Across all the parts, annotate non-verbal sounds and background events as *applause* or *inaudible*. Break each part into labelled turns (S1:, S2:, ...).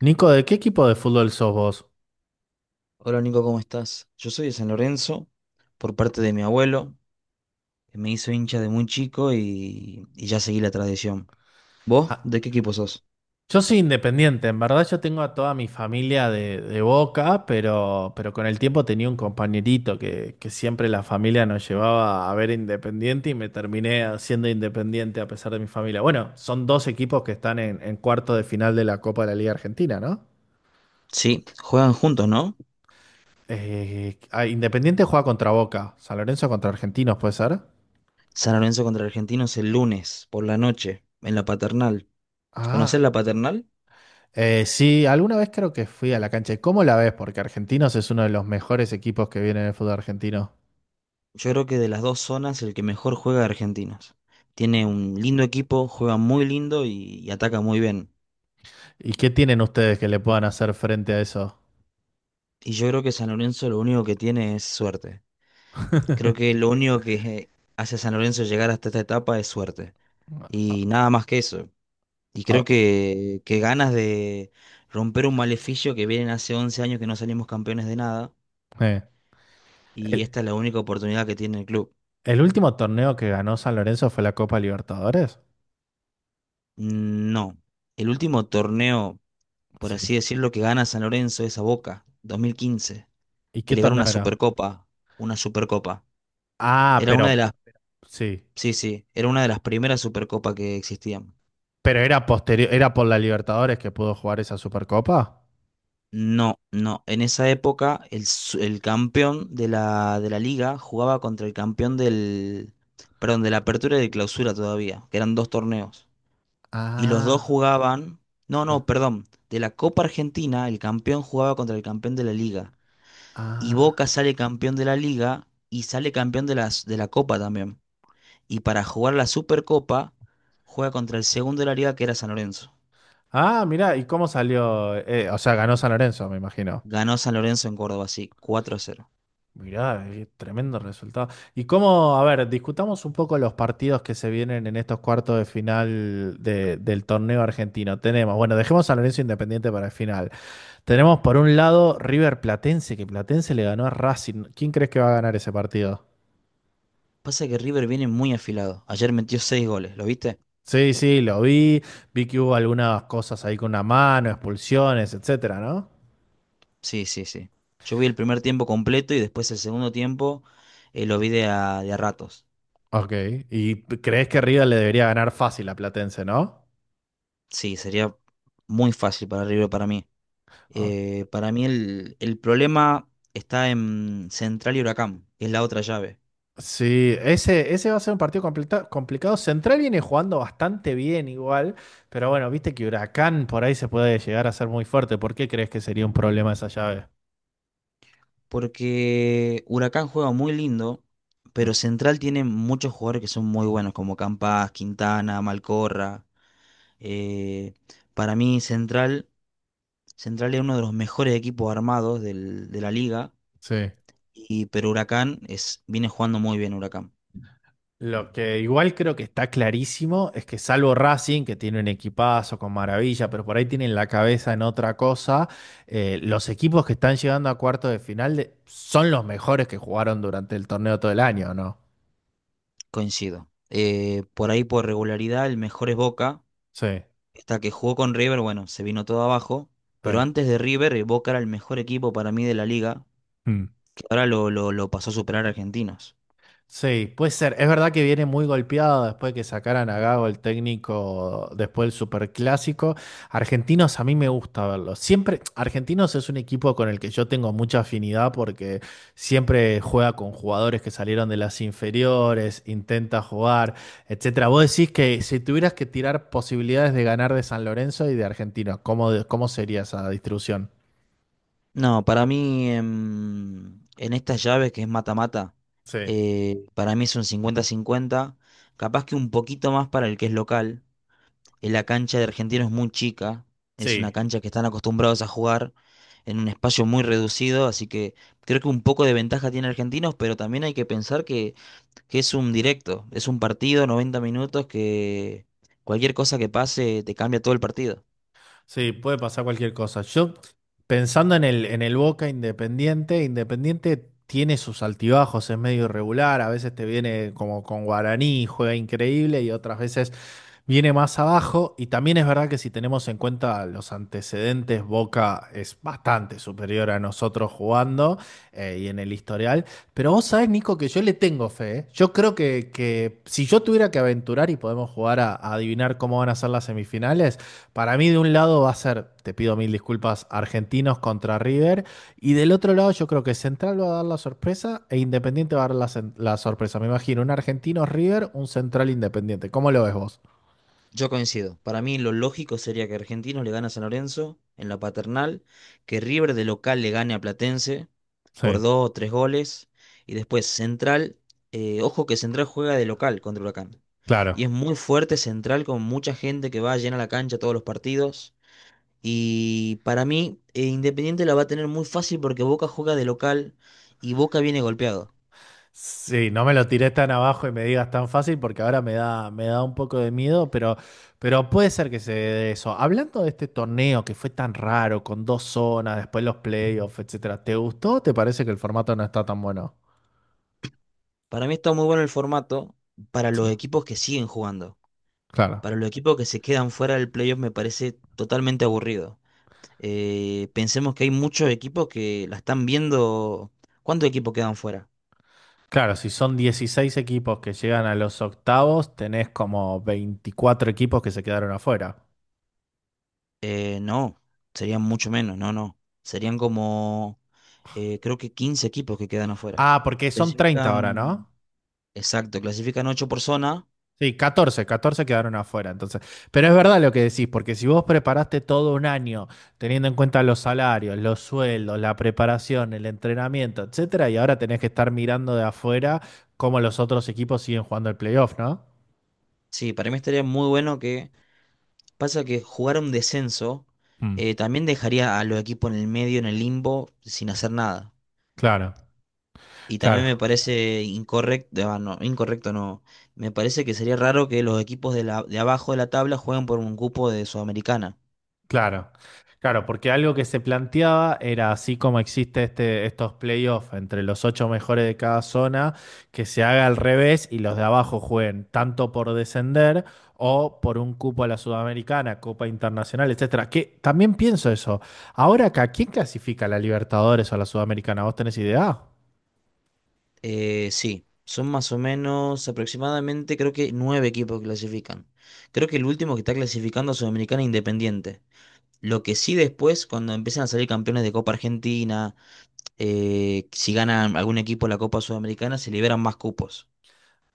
S1: Nico, ¿de qué equipo de fútbol sos vos?
S2: Hola Nico, ¿cómo estás? Yo soy de San Lorenzo, por parte de mi abuelo, que me hizo hincha de muy chico y ya seguí la tradición. ¿Vos?
S1: Ah,
S2: ¿De qué equipo sos?
S1: yo soy independiente, en verdad yo tengo a toda mi familia de Boca, pero con el tiempo tenía un compañerito que siempre la familia nos llevaba a ver Independiente y me terminé siendo independiente a pesar de mi familia. Bueno, son dos equipos que están en cuarto de final de la Copa de la Liga Argentina, ¿no?
S2: Sí, juegan juntos, ¿no?
S1: Independiente juega contra Boca, San Lorenzo contra Argentinos, ¿puede ser?
S2: San Lorenzo contra Argentinos el lunes, por la noche, en la Paternal. ¿Conocés
S1: Ah.
S2: la Paternal?
S1: Sí, alguna vez creo que fui a la cancha. ¿Cómo la ves? Porque Argentinos es uno de los mejores equipos que viene en el fútbol argentino.
S2: Yo creo que de las dos zonas el que mejor juega es Argentinos. Tiene un lindo equipo, juega muy lindo y ataca muy bien.
S1: ¿Y qué tienen ustedes que le puedan hacer frente a eso?
S2: Y yo creo que San Lorenzo lo único que tiene es suerte. Creo que
S1: *laughs*
S2: lo único que hace a San Lorenzo llegar hasta esta etapa es suerte.
S1: Ah,
S2: Y nada más que eso. Y creo
S1: ah,
S2: que ganas de romper un maleficio que vienen hace 11 años que no salimos campeones de nada.
S1: eh.
S2: Y
S1: ¿El,
S2: esta es la única oportunidad que tiene el club.
S1: el último torneo que ganó San Lorenzo fue la Copa Libertadores?
S2: Mm, no. El último torneo, por
S1: Sí.
S2: así decirlo, que gana San Lorenzo es a Boca, 2015.
S1: ¿Y
S2: Que
S1: qué
S2: le gana una
S1: torneo era?
S2: Supercopa. Una Supercopa.
S1: Ah,
S2: Era una de
S1: pero
S2: las...
S1: sí.
S2: Sí, sí. Era una de las primeras Supercopas que existían.
S1: Pero era posterior, era por la Libertadores que pudo jugar esa Supercopa.
S2: No, no. En esa época el campeón de la liga jugaba contra el campeón del, perdón, de la apertura y de clausura todavía, que eran dos torneos. Y los dos
S1: Ah,
S2: jugaban, no, no, perdón, de la Copa Argentina el campeón jugaba contra el campeón de la liga. Y
S1: ah.
S2: Boca sale campeón de la liga y sale campeón de las, de la Copa también. Y para jugar la Supercopa juega contra el segundo de la liga que era San Lorenzo.
S1: Ah, mirá, ¿y cómo salió? O sea, ganó San Lorenzo, me imagino.
S2: Ganó San Lorenzo en Córdoba, sí, 4-0.
S1: Mirá, qué tremendo resultado. Y cómo, a ver, discutamos un poco los partidos que se vienen en estos cuartos de final del torneo argentino. Tenemos, bueno, dejemos a Lorenzo Independiente para el final. Tenemos por un lado River Platense, que Platense le ganó a Racing. ¿Quién crees que va a ganar ese partido?
S2: Pasa que River viene muy afilado. Ayer metió seis goles, ¿lo viste?
S1: Sí, sí, lo vi. Vi que hubo algunas cosas ahí con una mano, expulsiones, etcétera, ¿no?
S2: Sí, sí, sí. Yo vi el primer tiempo completo y después el segundo tiempo lo vi de a ratos.
S1: Ok. ¿Y crees que River le debería ganar fácil a Platense, ¿no?
S2: Sí, sería muy fácil para River para mí. Para mí el problema está en Central y Huracán, que es la otra llave.
S1: Sí, ese va a ser un partido complicado. Central viene jugando bastante bien igual, pero bueno, viste que Huracán por ahí se puede llegar a ser muy fuerte. ¿Por qué crees que sería un problema esa llave?
S2: Porque Huracán juega muy lindo,
S1: Mm.
S2: pero Central tiene muchos jugadores que son muy buenos, como Campas, Quintana, Malcorra. Eh, para mí Central es uno de los mejores equipos armados de la liga,
S1: Sí.
S2: pero Huracán es, viene jugando muy bien Huracán,
S1: Lo que igual creo que está clarísimo es que salvo Racing, que tiene un equipazo con maravilla, pero por ahí tienen la cabeza en otra cosa, los equipos que están llegando a cuartos de final son los mejores que jugaron durante el torneo todo el año, ¿no?
S2: coincido. Por ahí por regularidad el mejor es Boca,
S1: Sí,
S2: hasta que jugó con River, bueno, se vino todo abajo, pero
S1: sí.
S2: antes de River Boca era el mejor equipo para mí de la liga,
S1: Mm.
S2: que ahora lo pasó a superar a Argentinos.
S1: Sí, puede ser. Es verdad que viene muy golpeado después de que sacaran a Gago el técnico después del Superclásico. Argentinos a mí me gusta verlos. Siempre, Argentinos es un equipo con el que yo tengo mucha afinidad porque siempre juega con jugadores que salieron de las inferiores, intenta jugar, etcétera. Vos decís que si tuvieras que tirar posibilidades de ganar de San Lorenzo y de Argentinos, ¿cómo, cómo sería esa distribución?
S2: No, para mí en estas llaves que es mata-mata,
S1: Sí,
S2: para mí es un 50-50, capaz que un poquito más para el que es local. La cancha de Argentino es muy chica, es una
S1: sí.
S2: cancha que están acostumbrados a jugar en un espacio muy reducido, así que creo que un poco de ventaja tiene Argentinos, pero también hay que pensar que es un directo, es un partido, 90 minutos, que cualquier cosa que pase te cambia todo el partido.
S1: Sí, puede pasar cualquier cosa. Yo, pensando en el Boca Independiente, Independiente tiene sus altibajos, es medio irregular, a veces te viene como con Guaraní, juega increíble y otras veces viene más abajo. Y también es verdad que si tenemos en cuenta los antecedentes, Boca es bastante superior a nosotros jugando, y en el historial. Pero vos sabés, Nico, que yo le tengo fe, ¿eh? Yo creo que si yo tuviera que aventurar y podemos jugar a adivinar cómo van a ser las semifinales, para mí, de un lado va a ser, te pido mil disculpas, Argentinos contra River. Y del otro lado, yo creo que Central va a dar la sorpresa e Independiente va a dar la, la sorpresa. Me imagino un Argentino River, un Central Independiente. ¿Cómo lo ves vos?
S2: Yo coincido. Para mí lo lógico sería que Argentinos le gane a San Lorenzo en la Paternal, que River de local le gane a Platense por
S1: Sí,
S2: dos o tres goles. Y después Central, ojo que Central juega de local contra Huracán.
S1: claro.
S2: Y es muy fuerte Central con mucha gente que va llena la cancha todos los partidos. Y para mí, Independiente la va a tener muy fácil porque Boca juega de local y Boca viene golpeado.
S1: Sí, no me lo tiré tan abajo y me digas tan fácil porque ahora me da un poco de miedo, pero puede ser que se dé eso. Hablando de este torneo que fue tan raro, con dos zonas, después los playoffs, etcétera, ¿te gustó o te parece que el formato no está tan bueno?
S2: Para mí está muy bueno el formato para
S1: Sí,
S2: los equipos que siguen jugando.
S1: claro.
S2: Para los equipos que se quedan fuera del playoff me parece totalmente aburrido. Pensemos que hay muchos equipos que la están viendo. ¿Cuántos equipos quedan fuera?
S1: Claro, si son 16 equipos que llegan a los octavos, tenés como 24 equipos que se quedaron afuera.
S2: No, serían mucho menos, no, no. Serían como, creo que 15 equipos que quedan afuera.
S1: Ah, porque son 30 ahora, ¿no?
S2: Clasifican, exacto, clasifican 8 por zona.
S1: Sí, 14, 14 quedaron afuera, entonces. Pero es verdad lo que decís, porque si vos preparaste todo un año, teniendo en cuenta los salarios, los sueldos, la preparación, el entrenamiento, etcétera, y ahora tenés que estar mirando de afuera cómo los otros equipos siguen jugando el playoff, ¿no?
S2: Sí, para mí estaría muy bueno pasa que jugar un descenso
S1: Mm,
S2: también dejaría a los equipos en el medio, en el limbo, sin hacer nada.
S1: claro,
S2: Y también
S1: claro.
S2: me parece incorrecto, ah, no, incorrecto no, me parece que sería raro que los equipos de abajo de la tabla jueguen por un cupo de Sudamericana.
S1: Claro, claro, porque algo que se planteaba era así como existe este, estos playoffs entre los ocho mejores de cada zona, que se haga al revés y los de abajo jueguen tanto por descender o por un cupo a la Sudamericana, Copa Internacional, etcétera. Que también pienso eso. Ahora acá, ¿quién clasifica a la Libertadores o a la Sudamericana? ¿Vos tenés idea?
S2: Sí, son más o menos aproximadamente creo que nueve equipos que clasifican. Creo que el último que está clasificando a Sudamericana es Independiente. Lo que sí después, cuando empiezan a salir campeones de Copa Argentina, si ganan algún equipo la Copa Sudamericana, se liberan más cupos.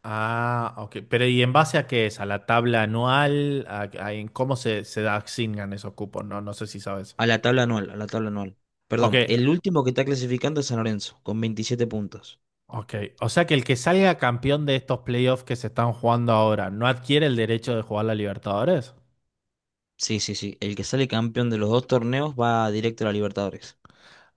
S1: Ah, ok. Pero ¿y en base a qué es? ¿A la tabla anual? A- en cómo se, se asignan esos cupos? No, no sé si sabes.
S2: A la tabla anual, a la tabla anual.
S1: Ok,
S2: Perdón, el último que está clasificando es San Lorenzo, con 27 puntos.
S1: ok, o sea que el que salga campeón de estos playoffs que se están jugando ahora no adquiere el derecho de jugar la Libertadores.
S2: Sí, sí, sí. El que sale campeón de los dos torneos va directo a la Libertadores.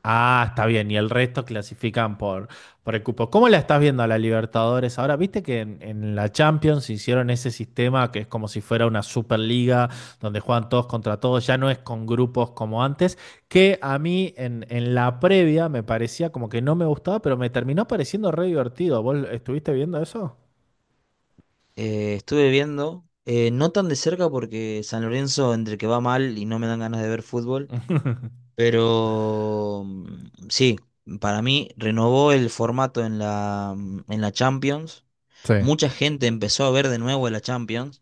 S1: Ah, está bien, y el resto clasifican por el cupo. ¿Cómo la estás viendo a la Libertadores ahora? Viste que en la Champions hicieron ese sistema que es como si fuera una Superliga donde juegan todos contra todos, ya no es con grupos como antes, que a mí en la previa me parecía como que no me gustaba, pero me terminó pareciendo re divertido. ¿Vos estuviste viendo eso?
S2: Estuve viendo, no tan de cerca porque San Lorenzo entre que va mal y no me dan ganas de ver fútbol, pero sí, para mí renovó el formato en la Champions.
S1: Sí.
S2: Mucha gente empezó a ver de nuevo la Champions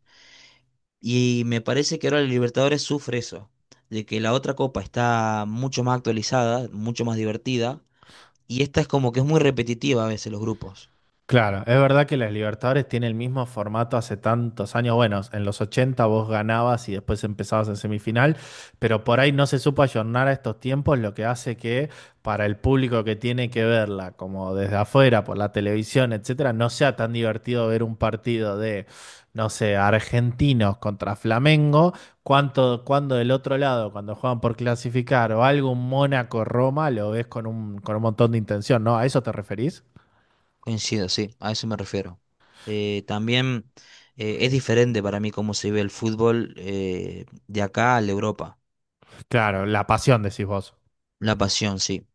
S2: y me parece que ahora la Libertadores sufre eso, de que la otra copa está mucho más actualizada, mucho más divertida y esta es como que es muy repetitiva a veces los grupos.
S1: Claro, es verdad que las Libertadores tiene el mismo formato hace tantos años. Bueno, en los 80 vos ganabas y después empezabas en semifinal, pero por ahí no se supo ayornar a estos tiempos, lo que hace que para el público que tiene que verla, como desde afuera, por la televisión, etcétera, no sea tan divertido ver un partido de, no sé, argentinos contra Flamengo, cuanto, cuando del otro lado, cuando juegan por clasificar o algo, un Mónaco-Roma, lo ves con un montón de intención, ¿no? ¿A eso te referís?
S2: Coincido, sí, a eso me refiero. También es diferente para mí cómo se ve el fútbol de acá a la Europa.
S1: Claro, la pasión, decís vos.
S2: La pasión, sí.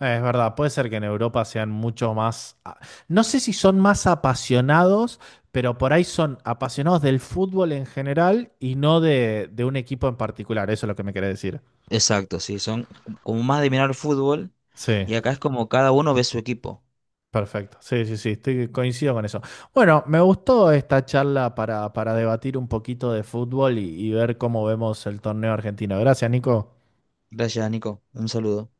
S1: Es verdad, puede ser que en Europa sean mucho más, no sé si son más apasionados, pero por ahí son apasionados del fútbol en general y no de, de un equipo en particular, eso es lo que me querés decir.
S2: Exacto, sí. Son como más de mirar el fútbol
S1: Sí,
S2: y acá es como cada uno ve su equipo.
S1: perfecto. Sí, sí, sí, estoy, coincido con eso. Bueno, me gustó esta charla para debatir un poquito de fútbol y ver cómo vemos el torneo argentino. Gracias, Nico.
S2: Gracias, Nico. Un saludo.